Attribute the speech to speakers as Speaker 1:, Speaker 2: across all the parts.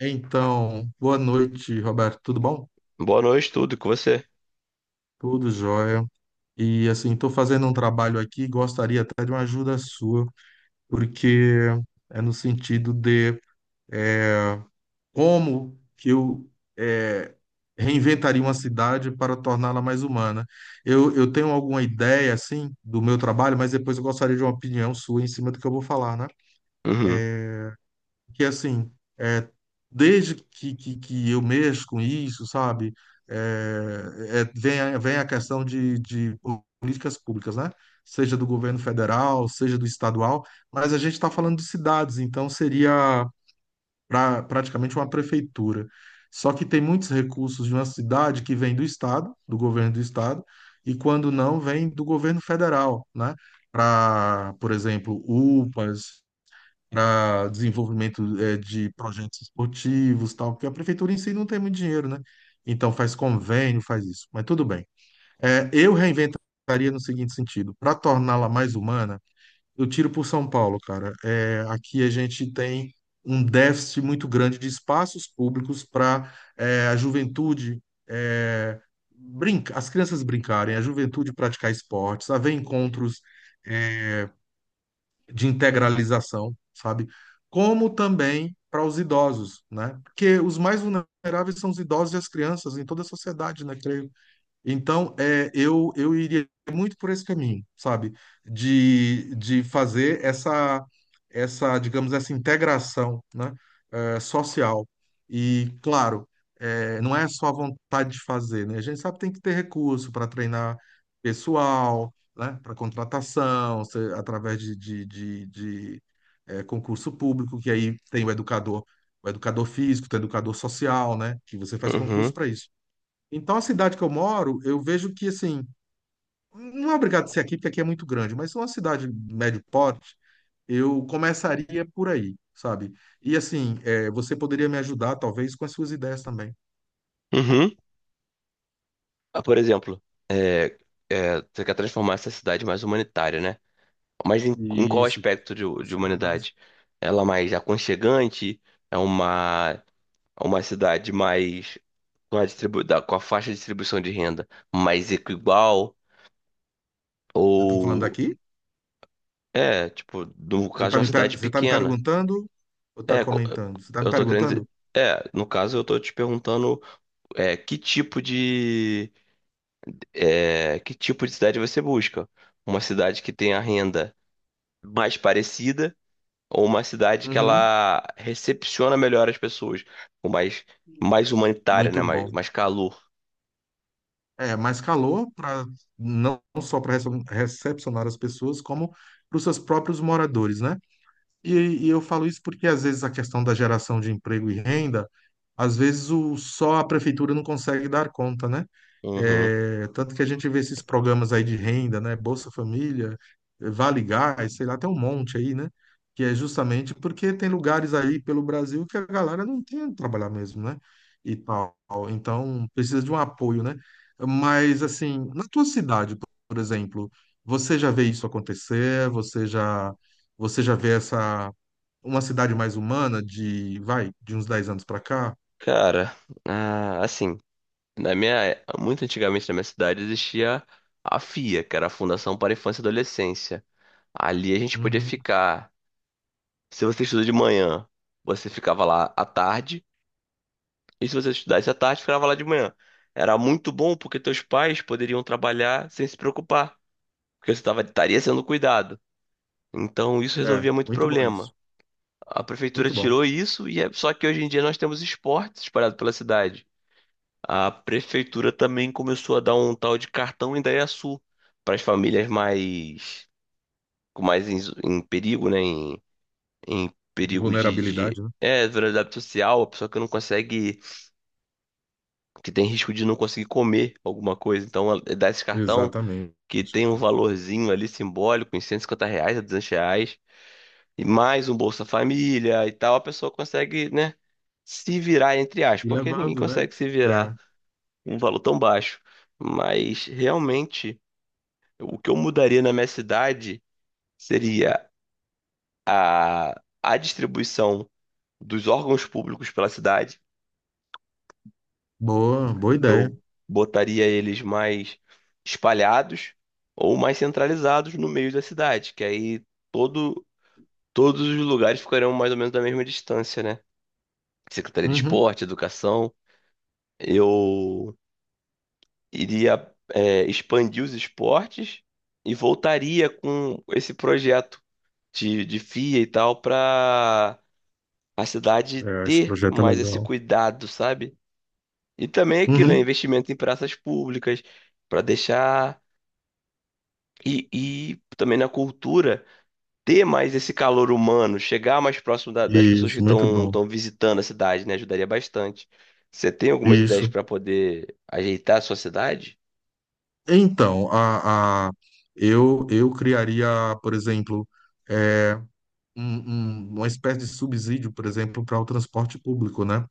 Speaker 1: Então, boa noite, Roberto. Tudo bom?
Speaker 2: Boa noite, tudo com você.
Speaker 1: Tudo jóia. E assim, estou fazendo um trabalho aqui, gostaria até de uma ajuda sua, porque é no sentido de é, como que eu eh, reinventaria uma cidade para torná-la mais humana. Eu tenho alguma ideia, assim, do meu trabalho, mas depois eu gostaria de uma opinião sua em cima do que eu vou falar, né?
Speaker 2: Uhum,
Speaker 1: Que assim, é, desde que eu mexo com isso, sabe? Vem a questão de políticas públicas, né? Seja do governo federal, seja do estadual, mas a gente está falando de cidades, então seria praticamente uma prefeitura. Só que tem muitos recursos de uma cidade que vem do estado, do governo do estado, e quando não, vem do governo federal, né? Para, por exemplo, UPAs, para desenvolvimento de projetos esportivos, tal, porque a prefeitura em si não tem muito dinheiro, né? Então faz convênio, faz isso, mas tudo bem. Eu reinventaria no seguinte sentido, para torná-la mais humana, eu tiro por São Paulo, cara. Aqui a gente tem um déficit muito grande de espaços públicos para a juventude eh, brinca, as crianças brincarem, a juventude praticar esportes, haver encontros de integralização, sabe? Como também para os idosos, né? Porque os mais vulneráveis são os idosos e as crianças em toda a sociedade, né? Creio. Então, eu iria muito por esse caminho, sabe? De fazer digamos, essa integração, né? Social. E, claro, não é só a vontade de fazer, né? A gente sabe que tem que ter recurso para treinar pessoal, né? Para contratação, através de, concurso público, que aí tem o educador físico, tem o educador social, né? Que você faz concurso
Speaker 2: uhum,
Speaker 1: para isso. Então, a cidade que eu moro, eu vejo que, assim, não é obrigado a ser aqui, porque aqui é muito grande, mas uma cidade de médio porte, eu começaria por aí, sabe? E, assim, você poderia me ajudar, talvez, com as suas ideias também.
Speaker 2: uhum. Por exemplo, é, você quer transformar essa cidade mais humanitária, né? Mas em qual
Speaker 1: Isso, que as
Speaker 2: aspecto
Speaker 1: pessoas
Speaker 2: de
Speaker 1: sejam mais.
Speaker 2: humanidade? Ela mais aconchegante? É uma, uma cidade mais com a faixa de distribuição de renda mais equal?
Speaker 1: Eu tô falando
Speaker 2: Ou
Speaker 1: aqui?
Speaker 2: tipo, no
Speaker 1: Você
Speaker 2: caso de
Speaker 1: está
Speaker 2: uma cidade
Speaker 1: você tá me
Speaker 2: pequena?
Speaker 1: perguntando ou tá
Speaker 2: É, co-
Speaker 1: comentando? Você está me
Speaker 2: eu tô querendo dizer.
Speaker 1: perguntando?
Speaker 2: É, no caso eu tô te perguntando que tipo de que tipo de cidade você busca. Uma cidade que tenha renda mais parecida ou uma cidade que
Speaker 1: Uhum,
Speaker 2: ela recepciona melhor as pessoas, com mais, mais humanitária, né?
Speaker 1: muito bom.
Speaker 2: Mais calor.
Speaker 1: É, mais calor para não só para recepcionar as pessoas, como para os seus próprios moradores, né? E eu falo isso porque, às vezes, a questão da geração de emprego e renda, às vezes só a prefeitura não consegue dar conta, né?
Speaker 2: Uhum.
Speaker 1: É, tanto que a gente vê esses programas aí de renda, né? Bolsa Família, Vale Gás, sei lá, tem um monte aí, né? Que é justamente porque tem lugares aí pelo Brasil que a galera não tem onde trabalhar mesmo, né? E tal. Então, precisa de um apoio, né? Mas, assim, na tua cidade, por exemplo, você já vê isso acontecer? Você já vê essa uma cidade mais humana vai, de uns 10 anos para cá.
Speaker 2: Cara, ah, assim, na minha, muito antigamente na minha cidade existia a FIA, que era a Fundação para a Infância e Adolescência. Ali a gente podia
Speaker 1: Uhum.
Speaker 2: ficar. Se você estuda de manhã, você ficava lá à tarde. E se você estudasse à tarde, ficava lá de manhã. Era muito bom porque teus pais poderiam trabalhar sem se preocupar, porque estaria sendo cuidado. Então isso
Speaker 1: É,
Speaker 2: resolvia muito
Speaker 1: muito bom isso.
Speaker 2: problema. A prefeitura
Speaker 1: Muito bom.
Speaker 2: tirou isso só que hoje em dia nós temos esportes espalhados pela cidade. A prefeitura também começou a dar um tal de cartão Indaiaçu para as famílias mais com mais em, em perigo, né? Em perigo de
Speaker 1: Vulnerabilidade, né?
Speaker 2: é, vulnerabilidade social, a pessoa que não consegue que tem risco de não conseguir comer alguma coisa. Então, a- dá esse cartão
Speaker 1: Exatamente.
Speaker 2: que tem um valorzinho ali simbólico, em R$ 150 a R$ 200, e mais um Bolsa Família e tal, a pessoa consegue, né, se virar, entre aspas,
Speaker 1: E
Speaker 2: porque ninguém
Speaker 1: levando, né?
Speaker 2: consegue se
Speaker 1: É,
Speaker 2: virar com um valor tão baixo. Mas, realmente, o que eu mudaria na minha cidade seria a distribuição dos órgãos públicos pela cidade
Speaker 1: boa ideia.
Speaker 2: eu botaria eles mais espalhados ou mais centralizados no meio da cidade, que aí todo, todos os lugares ficariam mais ou menos da mesma distância, né? Secretaria de
Speaker 1: Uhum.
Speaker 2: Esporte, Educação. Eu iria, é, expandir os esportes e voltaria com esse projeto de FIA e tal para a cidade
Speaker 1: É, esse
Speaker 2: ter
Speaker 1: projeto é
Speaker 2: mais esse
Speaker 1: legal.
Speaker 2: cuidado, sabe? E também aquilo, é
Speaker 1: Uhum.
Speaker 2: investimento em praças públicas para deixar e também na cultura ter mais esse calor humano, chegar mais próximo da- das pessoas que
Speaker 1: Isso, muito bom.
Speaker 2: estão visitando a cidade, né? Ajudaria bastante. Você tem algumas ideias
Speaker 1: Isso.
Speaker 2: para poder ajeitar a sua cidade?
Speaker 1: Então, eu criaria, por exemplo, é, uma espécie de subsídio, por exemplo, para o transporte público, né?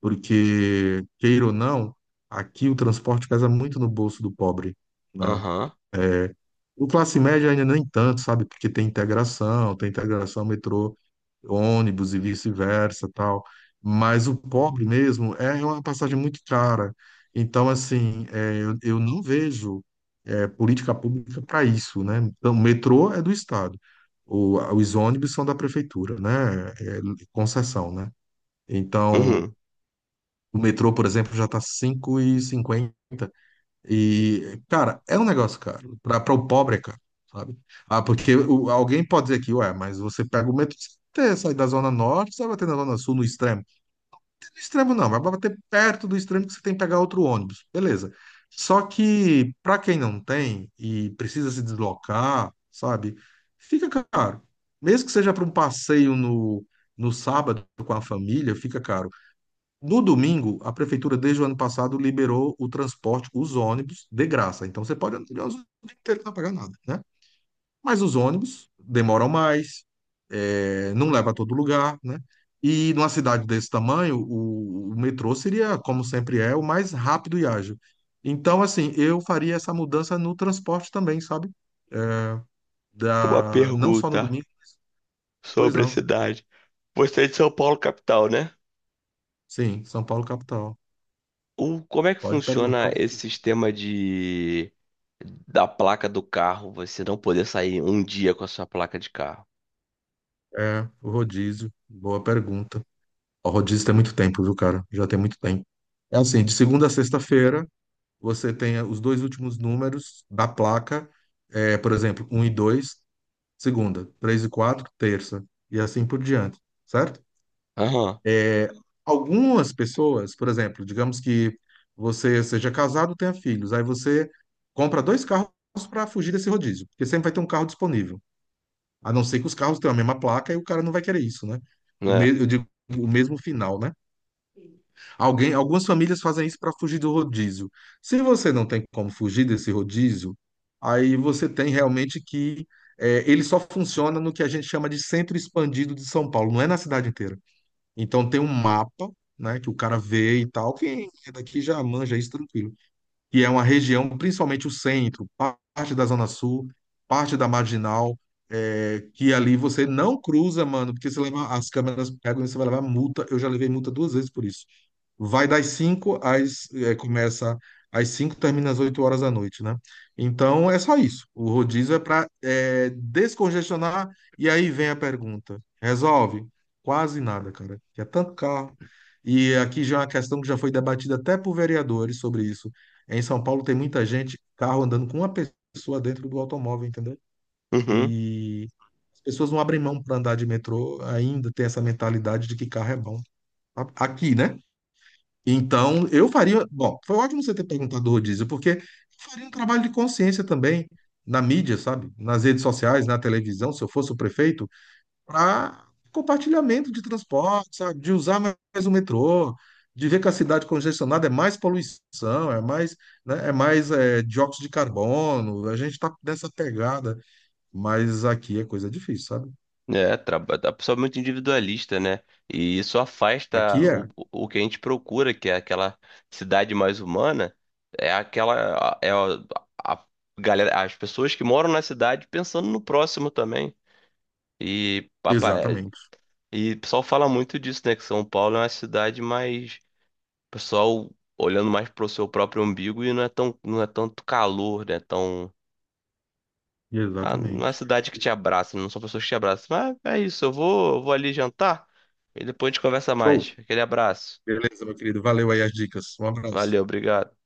Speaker 1: Porque, queira ou não, aqui o transporte pesa muito no bolso do pobre, né?
Speaker 2: Aham.
Speaker 1: É, o classe média ainda nem tanto, sabe? Porque tem integração metrô, ônibus e vice-versa, tal. Mas o pobre mesmo é uma passagem muito cara. Então, assim, eu não vejo política pública para isso, né? Então, o metrô é do Estado, os ônibus são da prefeitura, né? É concessão, né? Então
Speaker 2: Uhum.
Speaker 1: o metrô, por exemplo, já tá 5,50. E, cinquenta. E, cara, é um negócio caro. Pra o pobre, é caro, sabe? Ah, porque alguém pode dizer que, ué, mas você pega o metrô, você sai da Zona Norte, você vai bater na Zona Sul, no extremo. No extremo não, vai bater perto do extremo que você tem que pegar outro ônibus. Beleza. Só que, pra quem não tem e precisa se deslocar, sabe? Fica caro. Mesmo que seja para um passeio no sábado com a família, fica caro. No domingo, a prefeitura, desde o ano passado, liberou o transporte, os ônibus, de graça. Então, você pode andar o dia inteiro não pagar nada, né? Mas os ônibus demoram mais, não leva a todo lugar, né? E numa cidade desse tamanho, o metrô seria, como sempre é, o mais rápido e ágil. Então, assim, eu faria essa mudança no transporte também, sabe? É,
Speaker 2: Uma
Speaker 1: Não só no
Speaker 2: pergunta
Speaker 1: domingo. Pois
Speaker 2: sobre a
Speaker 1: não.
Speaker 2: cidade. Você é de São Paulo, capital, né?
Speaker 1: Sim, São Paulo capital.
Speaker 2: O, como é que
Speaker 1: Pode perguntar.
Speaker 2: funciona
Speaker 1: O
Speaker 2: esse sistema de da placa do carro, você não poder sair um dia com a sua placa de carro?
Speaker 1: É, o rodízio. Boa pergunta. O rodízio tem muito tempo, viu, cara? Já tem muito tempo. É assim, de segunda a sexta-feira, você tem os dois últimos números da placa, por exemplo, um e 2, segunda, 3 e 4, terça, e assim por diante, certo?
Speaker 2: Aham,
Speaker 1: Algumas pessoas, por exemplo, digamos que você seja casado, tenha filhos, aí você compra dois carros para fugir desse rodízio, porque sempre vai ter um carro disponível, a não ser que os carros tenham a mesma placa e o cara não vai querer isso, né?
Speaker 2: né?
Speaker 1: Eu digo o mesmo final, né? Algumas famílias fazem isso para fugir do rodízio. Se você não tem como fugir desse rodízio, aí você tem realmente que ele só funciona no que a gente chama de centro expandido de São Paulo, não é na cidade inteira. Então tem um mapa, né, que o cara vê e tal. Quem é daqui já manja isso tranquilo. E é uma região, principalmente o centro, parte da Zona Sul, parte da Marginal, que ali você não cruza, mano, porque você leva, as câmeras pegam e você vai levar multa. Eu já levei multa duas vezes por isso. Vai das 5 às. Começa às 5 termina às 8 horas da noite, né? Então é só isso. O rodízio é para descongestionar. E aí vem a pergunta: resolve? Quase nada, cara. Que é tanto carro. E aqui já é uma questão que já foi debatida até por vereadores sobre isso. Em São Paulo tem muita gente, carro andando com uma pessoa dentro do automóvel, entendeu?
Speaker 2: Uhum.
Speaker 1: E as pessoas não abrem mão para andar de metrô, ainda tem essa mentalidade de que carro é bom. Aqui, né? Então, eu faria. Bom, foi ótimo você ter perguntado do rodízio, porque eu faria um trabalho de consciência também na mídia, sabe? Nas redes sociais, na televisão, se eu fosse o prefeito, para compartilhamento de transporte, sabe? De usar mais o metrô, de ver que a cidade congestionada é mais poluição, é mais, né? É mais dióxido de carbono. A gente está nessa pegada, mas aqui é coisa difícil, sabe?
Speaker 2: É, traba- a pessoa é muito individualista, né? E isso afasta
Speaker 1: Aqui é.
Speaker 2: o que a gente procura, que é aquela cidade mais humana, é aquela a galera, as pessoas que moram na cidade pensando no próximo também. E papai,
Speaker 1: Exatamente.
Speaker 2: e o pessoal fala muito disso, né? Que São Paulo é uma cidade mais o pessoal olhando mais pro seu próprio umbigo e não é tanto calor, né? Ah, não
Speaker 1: Exatamente.
Speaker 2: é cidade que te abraça, não são pessoas que te abraçam. Mas é isso, eu vou ali jantar e depois a gente conversa mais.
Speaker 1: Show.
Speaker 2: Aquele abraço.
Speaker 1: Beleza, meu querido. Valeu aí as dicas. Um abraço.
Speaker 2: Valeu, obrigado.